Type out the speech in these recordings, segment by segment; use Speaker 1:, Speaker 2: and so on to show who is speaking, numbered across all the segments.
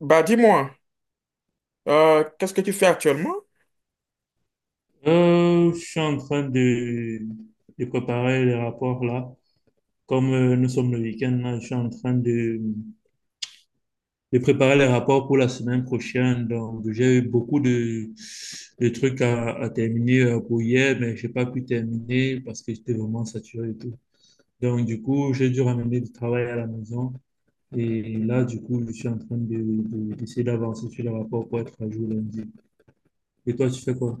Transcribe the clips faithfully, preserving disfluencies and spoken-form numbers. Speaker 1: Bah dis-moi, euh, qu'est-ce que tu fais actuellement?
Speaker 2: Euh, je suis en train de, de préparer les rapports là. Comme euh, nous sommes le week-end là, je suis en train de, de préparer les rapports pour la semaine prochaine. Donc, j'ai eu beaucoup de, de trucs à, à terminer euh, pour hier, mais j'ai pas pu terminer parce que j'étais vraiment saturé et tout. Donc, du coup, j'ai dû ramener du travail à la maison. Et là, du coup, je suis en train de, de- d'essayer d'avancer sur les rapports pour être à jour lundi. Et toi, tu fais quoi?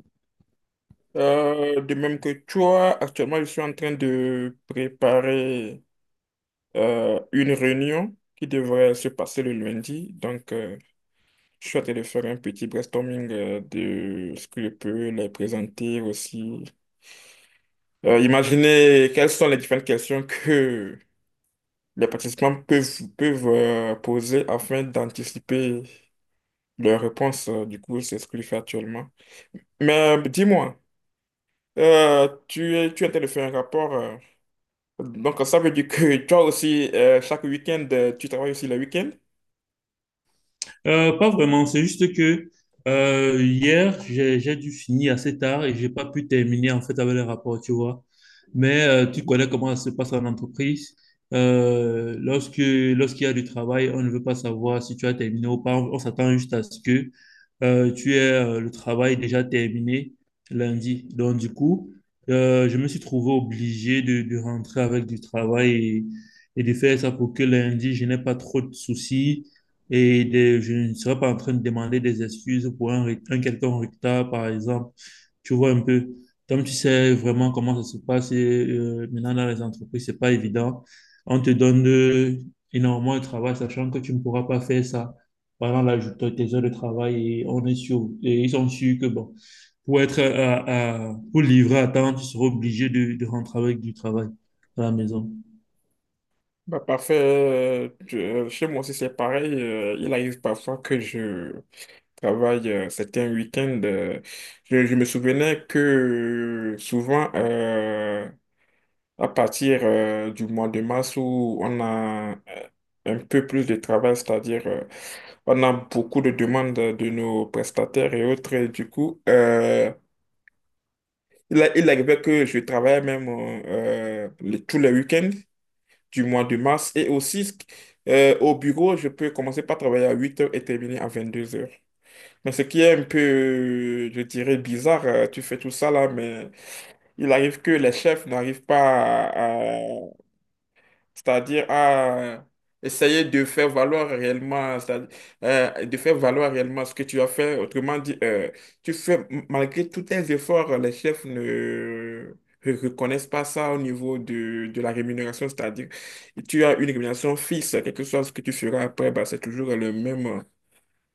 Speaker 1: Euh, de même que toi, actuellement, je suis en train de préparer euh, une réunion qui devrait se passer le lundi. Donc, euh, je suis en train de faire un petit brainstorming euh, de ce que je peux les présenter aussi. Euh, imaginez quelles sont les différentes questions que les participants peuvent, peuvent euh, poser afin d'anticiper leurs réponses. Euh, Du coup, c'est ce que je fais actuellement. Mais dis-moi. Euh, tu es, tu étais de faire un rapport, euh, donc, ça veut dire que toi aussi, euh, chaque week-end, euh, tu travailles aussi le week-end?
Speaker 2: Euh, pas vraiment, c'est juste que euh, hier, j'ai, j'ai dû finir assez tard et j'ai pas pu terminer en fait avec les rapports, tu vois. Mais euh, tu connais comment ça se passe en entreprise. Euh, lorsque, lorsqu'il y a du travail, on ne veut pas savoir si tu as terminé ou pas. On, on s'attend juste à ce que euh, tu aies euh, le travail déjà terminé lundi. Donc, du coup, euh, je me suis trouvé obligé de, de rentrer avec du travail et, et de faire ça pour que lundi, je n'ai pas trop de soucis et des- je ne serais pas en train de demander des excuses pour un, re- un quelconque retard, par exemple. Tu vois un peu, comme tu sais vraiment comment ça se passe et, euh, maintenant dans les entreprises, c'est pas évident. On te donne euh, énormément de travail, sachant que tu ne pourras pas faire ça pendant la, tes heures de travail. Et on est sûr, et ils sont sûrs que bon, pour être à, à- pour livrer à temps, tu seras obligé de, de rentrer avec du travail à la maison.
Speaker 1: Bah, parfait. Euh, tu- euh, chez moi aussi, c'est pareil. Euh, il arrive parfois que je travaille euh, certains week-ends. euh, je, je me souvenais que souvent, euh, à partir euh, du mois de mars où on a euh, un peu plus de travail, c'est-à-dire euh, on a beaucoup de demandes de nos prestataires et autres. Et du coup, euh, Il, a- il arrivait que je travaillais même euh, les- tous les week-ends du mois de mars et aussi euh, au bureau, je peux commencer par travailler à huit heures et terminer à vingt-deux heures. Mais ce qui est un peu, euh, je dirais, bizarre, euh, tu fais tout ça là, mais il arrive que les chefs n'arrivent pas à, c'est-à-dire à essayer de faire valoir réellement, c'est-à-dire, euh, de faire valoir réellement ce que tu as fait. Autrement dit, euh, tu fais, malgré tous tes efforts, les chefs ne re- reconnaissent pas ça au niveau de, de la rémunération. C'est-à-dire, tu as une rémunération fixe, quelque chose que tu feras après, bah, c'est toujours le même,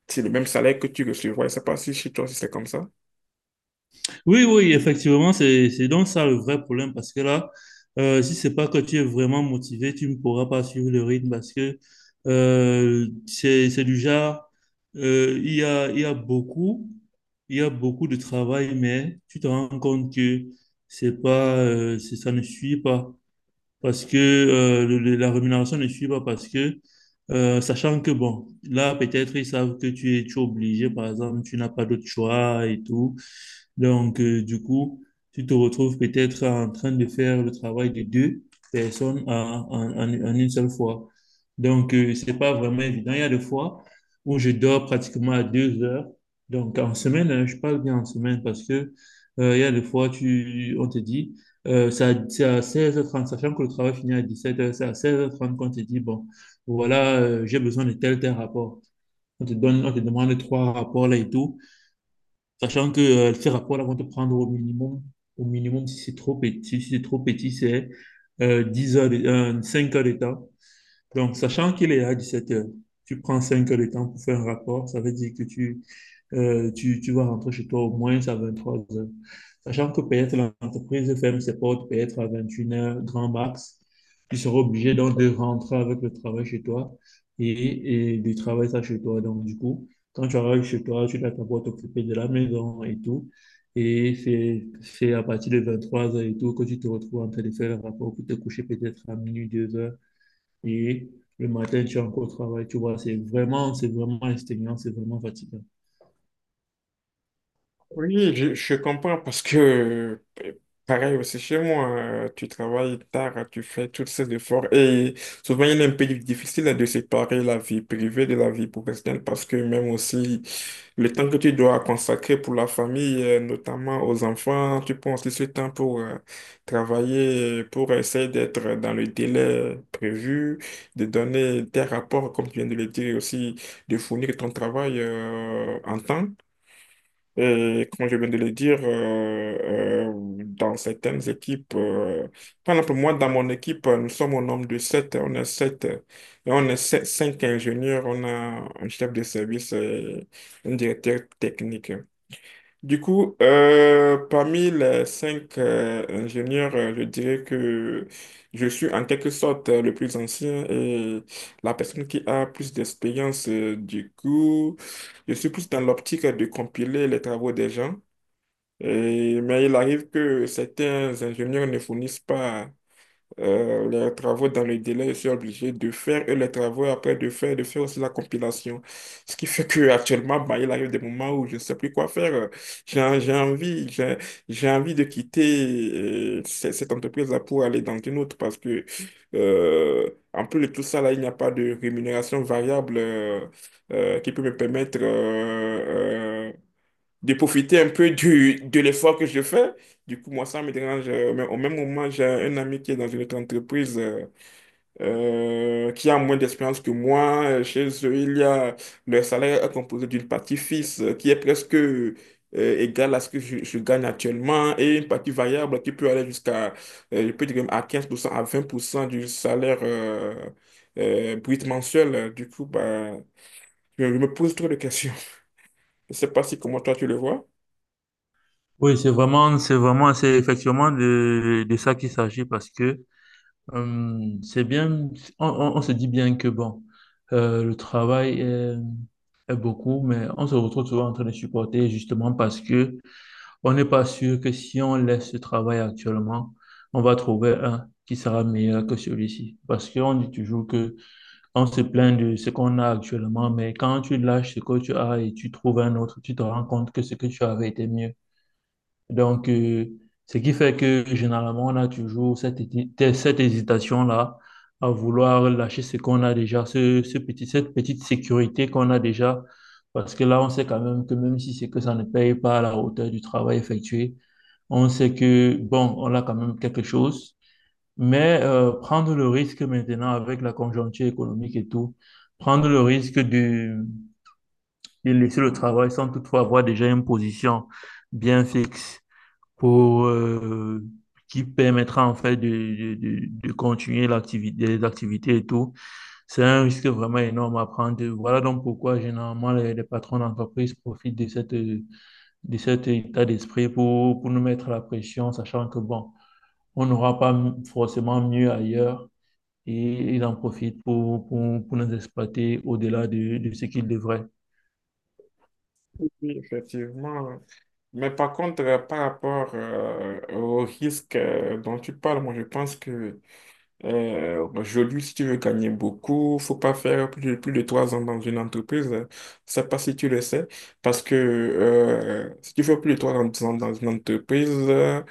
Speaker 1: c'est le même salaire que tu recevras. Je ne sais pas si chez toi, si c'est comme ça.
Speaker 2: Oui, oui, effectivement, c'est, c'est donc ça le vrai problème parce que là, euh, si c'est pas que tu es vraiment motivé, tu ne pourras pas suivre le rythme parce que euh, c'est, c'est du genre, euh, il y a, il y a beaucoup, il y a beaucoup de travail, mais tu te rends compte que c'est pas, euh, c'est- ça ne suit pas parce que euh, le- le- la rémunération ne suit pas parce que euh, sachant que bon, là peut-être ils savent que tu es, tu es obligé, par exemple, tu n'as pas d'autre choix et tout. Donc, euh, du coup, tu te retrouves peut-être en train de faire le travail de deux personnes en, en- en- en une seule fois. Donc, euh, c'est pas vraiment évident. Il y a des fois où je dors pratiquement à deux heures. Donc, en semaine, hein, je parle bien en semaine parce que euh, il y a des fois, tu, on te dit, euh, c'est à, c'est à seize heures trente, sachant que le travail finit à dix-sept heures, c'est à seize heures trente qu'on te dit, bon, voilà, euh, j'ai besoin de tel, tel rapport. On te donne, on te demande trois rapports là et tout. Sachant que euh, ces rapports-là vont te prendre au minimum, au minimum, si c'est trop petit, si c'est trop petit, c'est euh, dix heures de- euh, cinq heures de temps. Donc, sachant qu'il est à dix-sept heures, tu prends cinq heures de temps pour faire un rapport, ça veut dire que tu, euh, tu, tu vas rentrer chez toi au moins à vingt-trois heures. Sachant que peut-être l'entreprise ferme ses portes peut-être à vingt et une heures, grand max. Tu seras obligé donc de rentrer avec le travail chez toi et, et de travailler ça chez toi. Donc, du coup, quand tu arrives chez toi, tu dois d'abord t'occuper de la maison et tout. Et c'est c'est à partir de vingt-trois heures et tout que tu te retrouves en train de faire le rapport pour te coucher peut-être à minuit, deux heures. Et le matin, tu es encore au travail. Tu vois, c'est vraiment, c'est vraiment exténuant, c'est vraiment fatigant.
Speaker 1: Oui, je, je comprends parce que euh, pareil aussi chez moi, euh, tu travailles tard, tu fais tous ces efforts et souvent il est un peu difficile de séparer la vie privée de la vie professionnelle parce que même aussi le temps que tu dois consacrer pour la famille, euh, notamment aux enfants, tu penses aussi ce temps pour euh, travailler, pour essayer d'être dans le délai prévu, de donner tes rapports, comme tu viens de le dire, et aussi de fournir ton travail euh, en temps. Et comme je viens de le dire, euh, euh, dans certaines équipes, euh, par exemple, moi, dans mon équipe, euh, nous sommes au nombre de sept. On est sept. Euh, et on est sept- cinq ingénieurs. On a un chef de service et un directeur technique. Du coup, euh, parmi les cinq euh, ingénieurs, euh, je dirais que je suis en quelque sorte euh, le plus ancien et la personne qui a plus d'expérience. Euh, du coup, je suis plus dans l'optique de compiler les travaux des gens. Et- mais il arrive que certains ingénieurs ne fournissent pas euh, les travaux dans le délai, je suis obligé de faire et les travaux après de faire, de faire aussi la compilation. Ce qui fait que actuellement, bah, il arrive des moments où je ne sais plus quoi faire. J'ai, en- j'ai envie, j'ai, j'ai envie de quitter euh, ce- cette entreprise-là pour aller dans une autre parce que, euh, en plus de tout ça, là, il n'y a pas de rémunération variable euh, euh, qui peut me permettre euh, euh, de profiter un peu du, de l'effort que je fais. Du coup, moi, ça me dérange. euh, Mais au même moment, j'ai un ami qui est dans une autre entreprise euh, euh, qui a moins d'expérience que moi. Euh, Chez eux, il y a le salaire est composé d'une partie fixe euh, qui est presque euh, égale à ce que je, je gagne actuellement et une partie variable qui peut aller jusqu'à, euh, je peux dire, même à quinze pour cent à vingt pour cent du salaire euh, euh, brut mensuel. Du coup, bah, je, je me pose trop de questions. Je ne sais pas si comment toi tu le vois.
Speaker 2: Oui, c'est vraiment, c'est vraiment, c'est effectivement de, de ça qu'il s'agit parce que euh, c'est bien, on, on- on se dit bien que bon, euh, le travail est, est beaucoup, mais on se retrouve souvent en train de supporter justement parce que on n'est pas sûr que si on laisse ce travail actuellement, on va trouver un qui sera meilleur que celui-ci. Parce qu'on dit toujours que on se plaint de ce qu'on a actuellement, mais quand tu lâches ce que tu as et tu trouves un autre, tu te rends compte que ce que tu avais était mieux. Donc, euh, ce qui fait que généralement, on a toujours cette, héti- cette hésitation-là à vouloir lâcher ce qu'on a déjà, ce, ce petit, cette petite sécurité qu'on a déjà, parce que là, on sait quand même que même si c'est que ça ne paye pas à la hauteur du travail effectué, on sait que, bon, on a quand même quelque chose, mais euh, prendre le risque maintenant avec la conjoncture économique et tout, prendre le risque de, de laisser le travail sans toutefois avoir déjà une position bien fixe pour, euh, qui permettra en fait de, de, de continuer l'activité, les activités et tout. C'est un risque vraiment énorme à prendre. Voilà donc pourquoi généralement les, les patrons d'entreprise profitent de, cette, de cet état d'esprit pour, pour nous mettre la pression, sachant que bon, on n'aura pas forcément mieux ailleurs et ils en profitent pour, pour, pour nous exploiter au-delà de, de ce qu'ils devraient.
Speaker 1: Oui, effectivement. Mais par contre, euh, par rapport euh, au risque euh, dont tu parles, moi je pense que euh, aujourd'hui, si tu veux gagner beaucoup, faut pas faire plus, plus de trois ans dans une entreprise. Je sais pas si tu le sais, parce que euh, si tu fais plus de trois ans dans une entreprise, euh,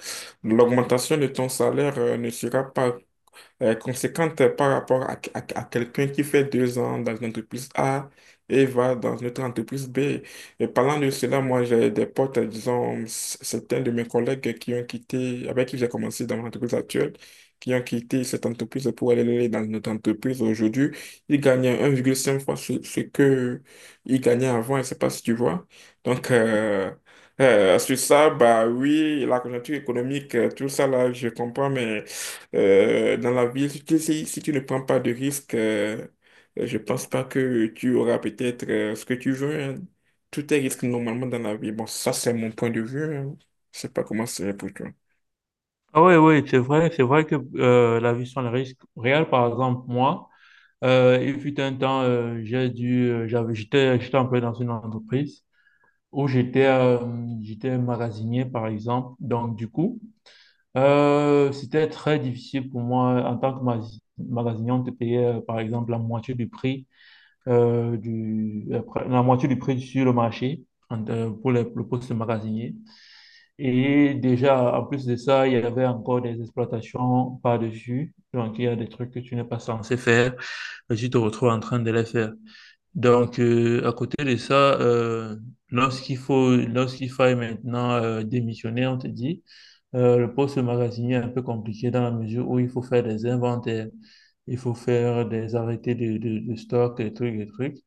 Speaker 1: l'augmentation de ton salaire euh, ne sera pas euh, conséquente par rapport à, à- à quelqu'un qui fait deux ans dans une entreprise A et va dans une autre entreprise B. Et parlant de cela, moi, j'ai des potes, disons, c- certains de mes collègues qui ont quitté, avec qui j'ai commencé dans mon entreprise actuelle, qui ont quitté cette entreprise pour aller dans notre entreprise aujourd'hui. Ils gagnaient un virgule cinq fois ce, ce que ils gagnaient avant, je ne sais pas si tu vois. Donc, euh, euh, sur ça, bah oui, la conjoncture économique, euh, tout ça là, je comprends, mais euh, dans la ville, si, tu si- si tu ne prends pas de risques, euh, je pense pas que tu auras peut-être euh, ce que tu veux, hein. Tout est risque normalement dans la vie. Bon, ça, c'est mon point de vue, hein. Je sais pas comment c'est pour toi.
Speaker 2: Ah oui, oui, c'est vrai, c'est vrai que euh, la vie sans le risque réel, par exemple, moi, Euh, il fut un temps, euh, j'ai dû, euh, j'avais, j'étais, j'étais employé dans une entreprise où j'étais, euh, j'étais magasinier, par exemple. Donc, du coup, euh, c'était très difficile pour moi en tant que magasi- magasinier, on te payait, euh, par exemple, la moitié du prix, euh, du, euh, pr- la moitié du prix sur le marché en- euh, pour le, le poste de magasinier. Et déjà, en plus de ça, il y avait encore des exploitations par-dessus. Donc, il y a des trucs que tu n'es pas censé faire et tu te retrouves en train de les faire. Donc, euh, à côté de ça, euh, lorsqu'il faut, lorsqu'il faille maintenant euh, démissionner, on te dit, euh, le poste de magasinier est un peu compliqué dans la mesure où il faut faire des inventaires, il faut faire des arrêtés de, de, de stock, des trucs, des trucs.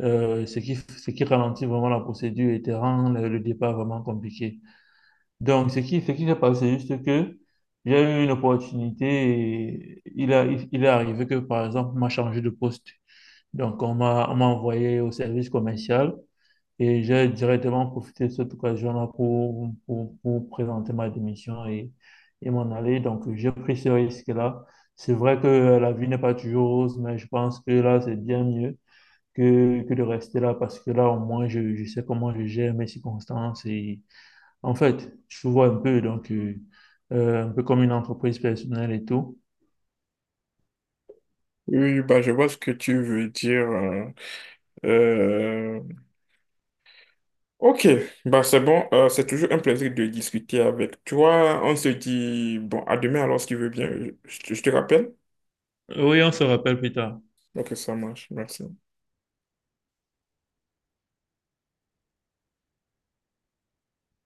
Speaker 2: Euh, ce qui, ce qui ralentit vraiment la procédure et te rend le, le départ vraiment compliqué. Donc, ce qui, ce qui s'est passé, c'est juste que j'ai eu une opportunité et il a, il, il est arrivé que, par exemple, on m'a changé de poste. Donc, on m'a on m'a envoyé au service commercial et j'ai directement profité de cette occasion-là pour, pour, pour présenter ma démission et, et m'en aller. Donc, j'ai pris ce risque-là. C'est vrai que la vie n'est pas toujours rose, mais je pense que là, c'est bien mieux que, que de rester là parce que là, au moins, je, je sais comment je gère mes circonstances. Et en fait, je vois un peu, donc, euh, euh, un peu comme une entreprise personnelle et tout.
Speaker 1: Oui, bah, je vois ce que tu veux dire, hein. Euh, ok, bah, c'est bon. Euh, c'est toujours un plaisir de discuter avec toi. On se dit, bon, à demain alors, si tu veux bien. Je, je te rappelle.
Speaker 2: Oui, on se rappelle plus tard.
Speaker 1: Ok, ça marche. Merci.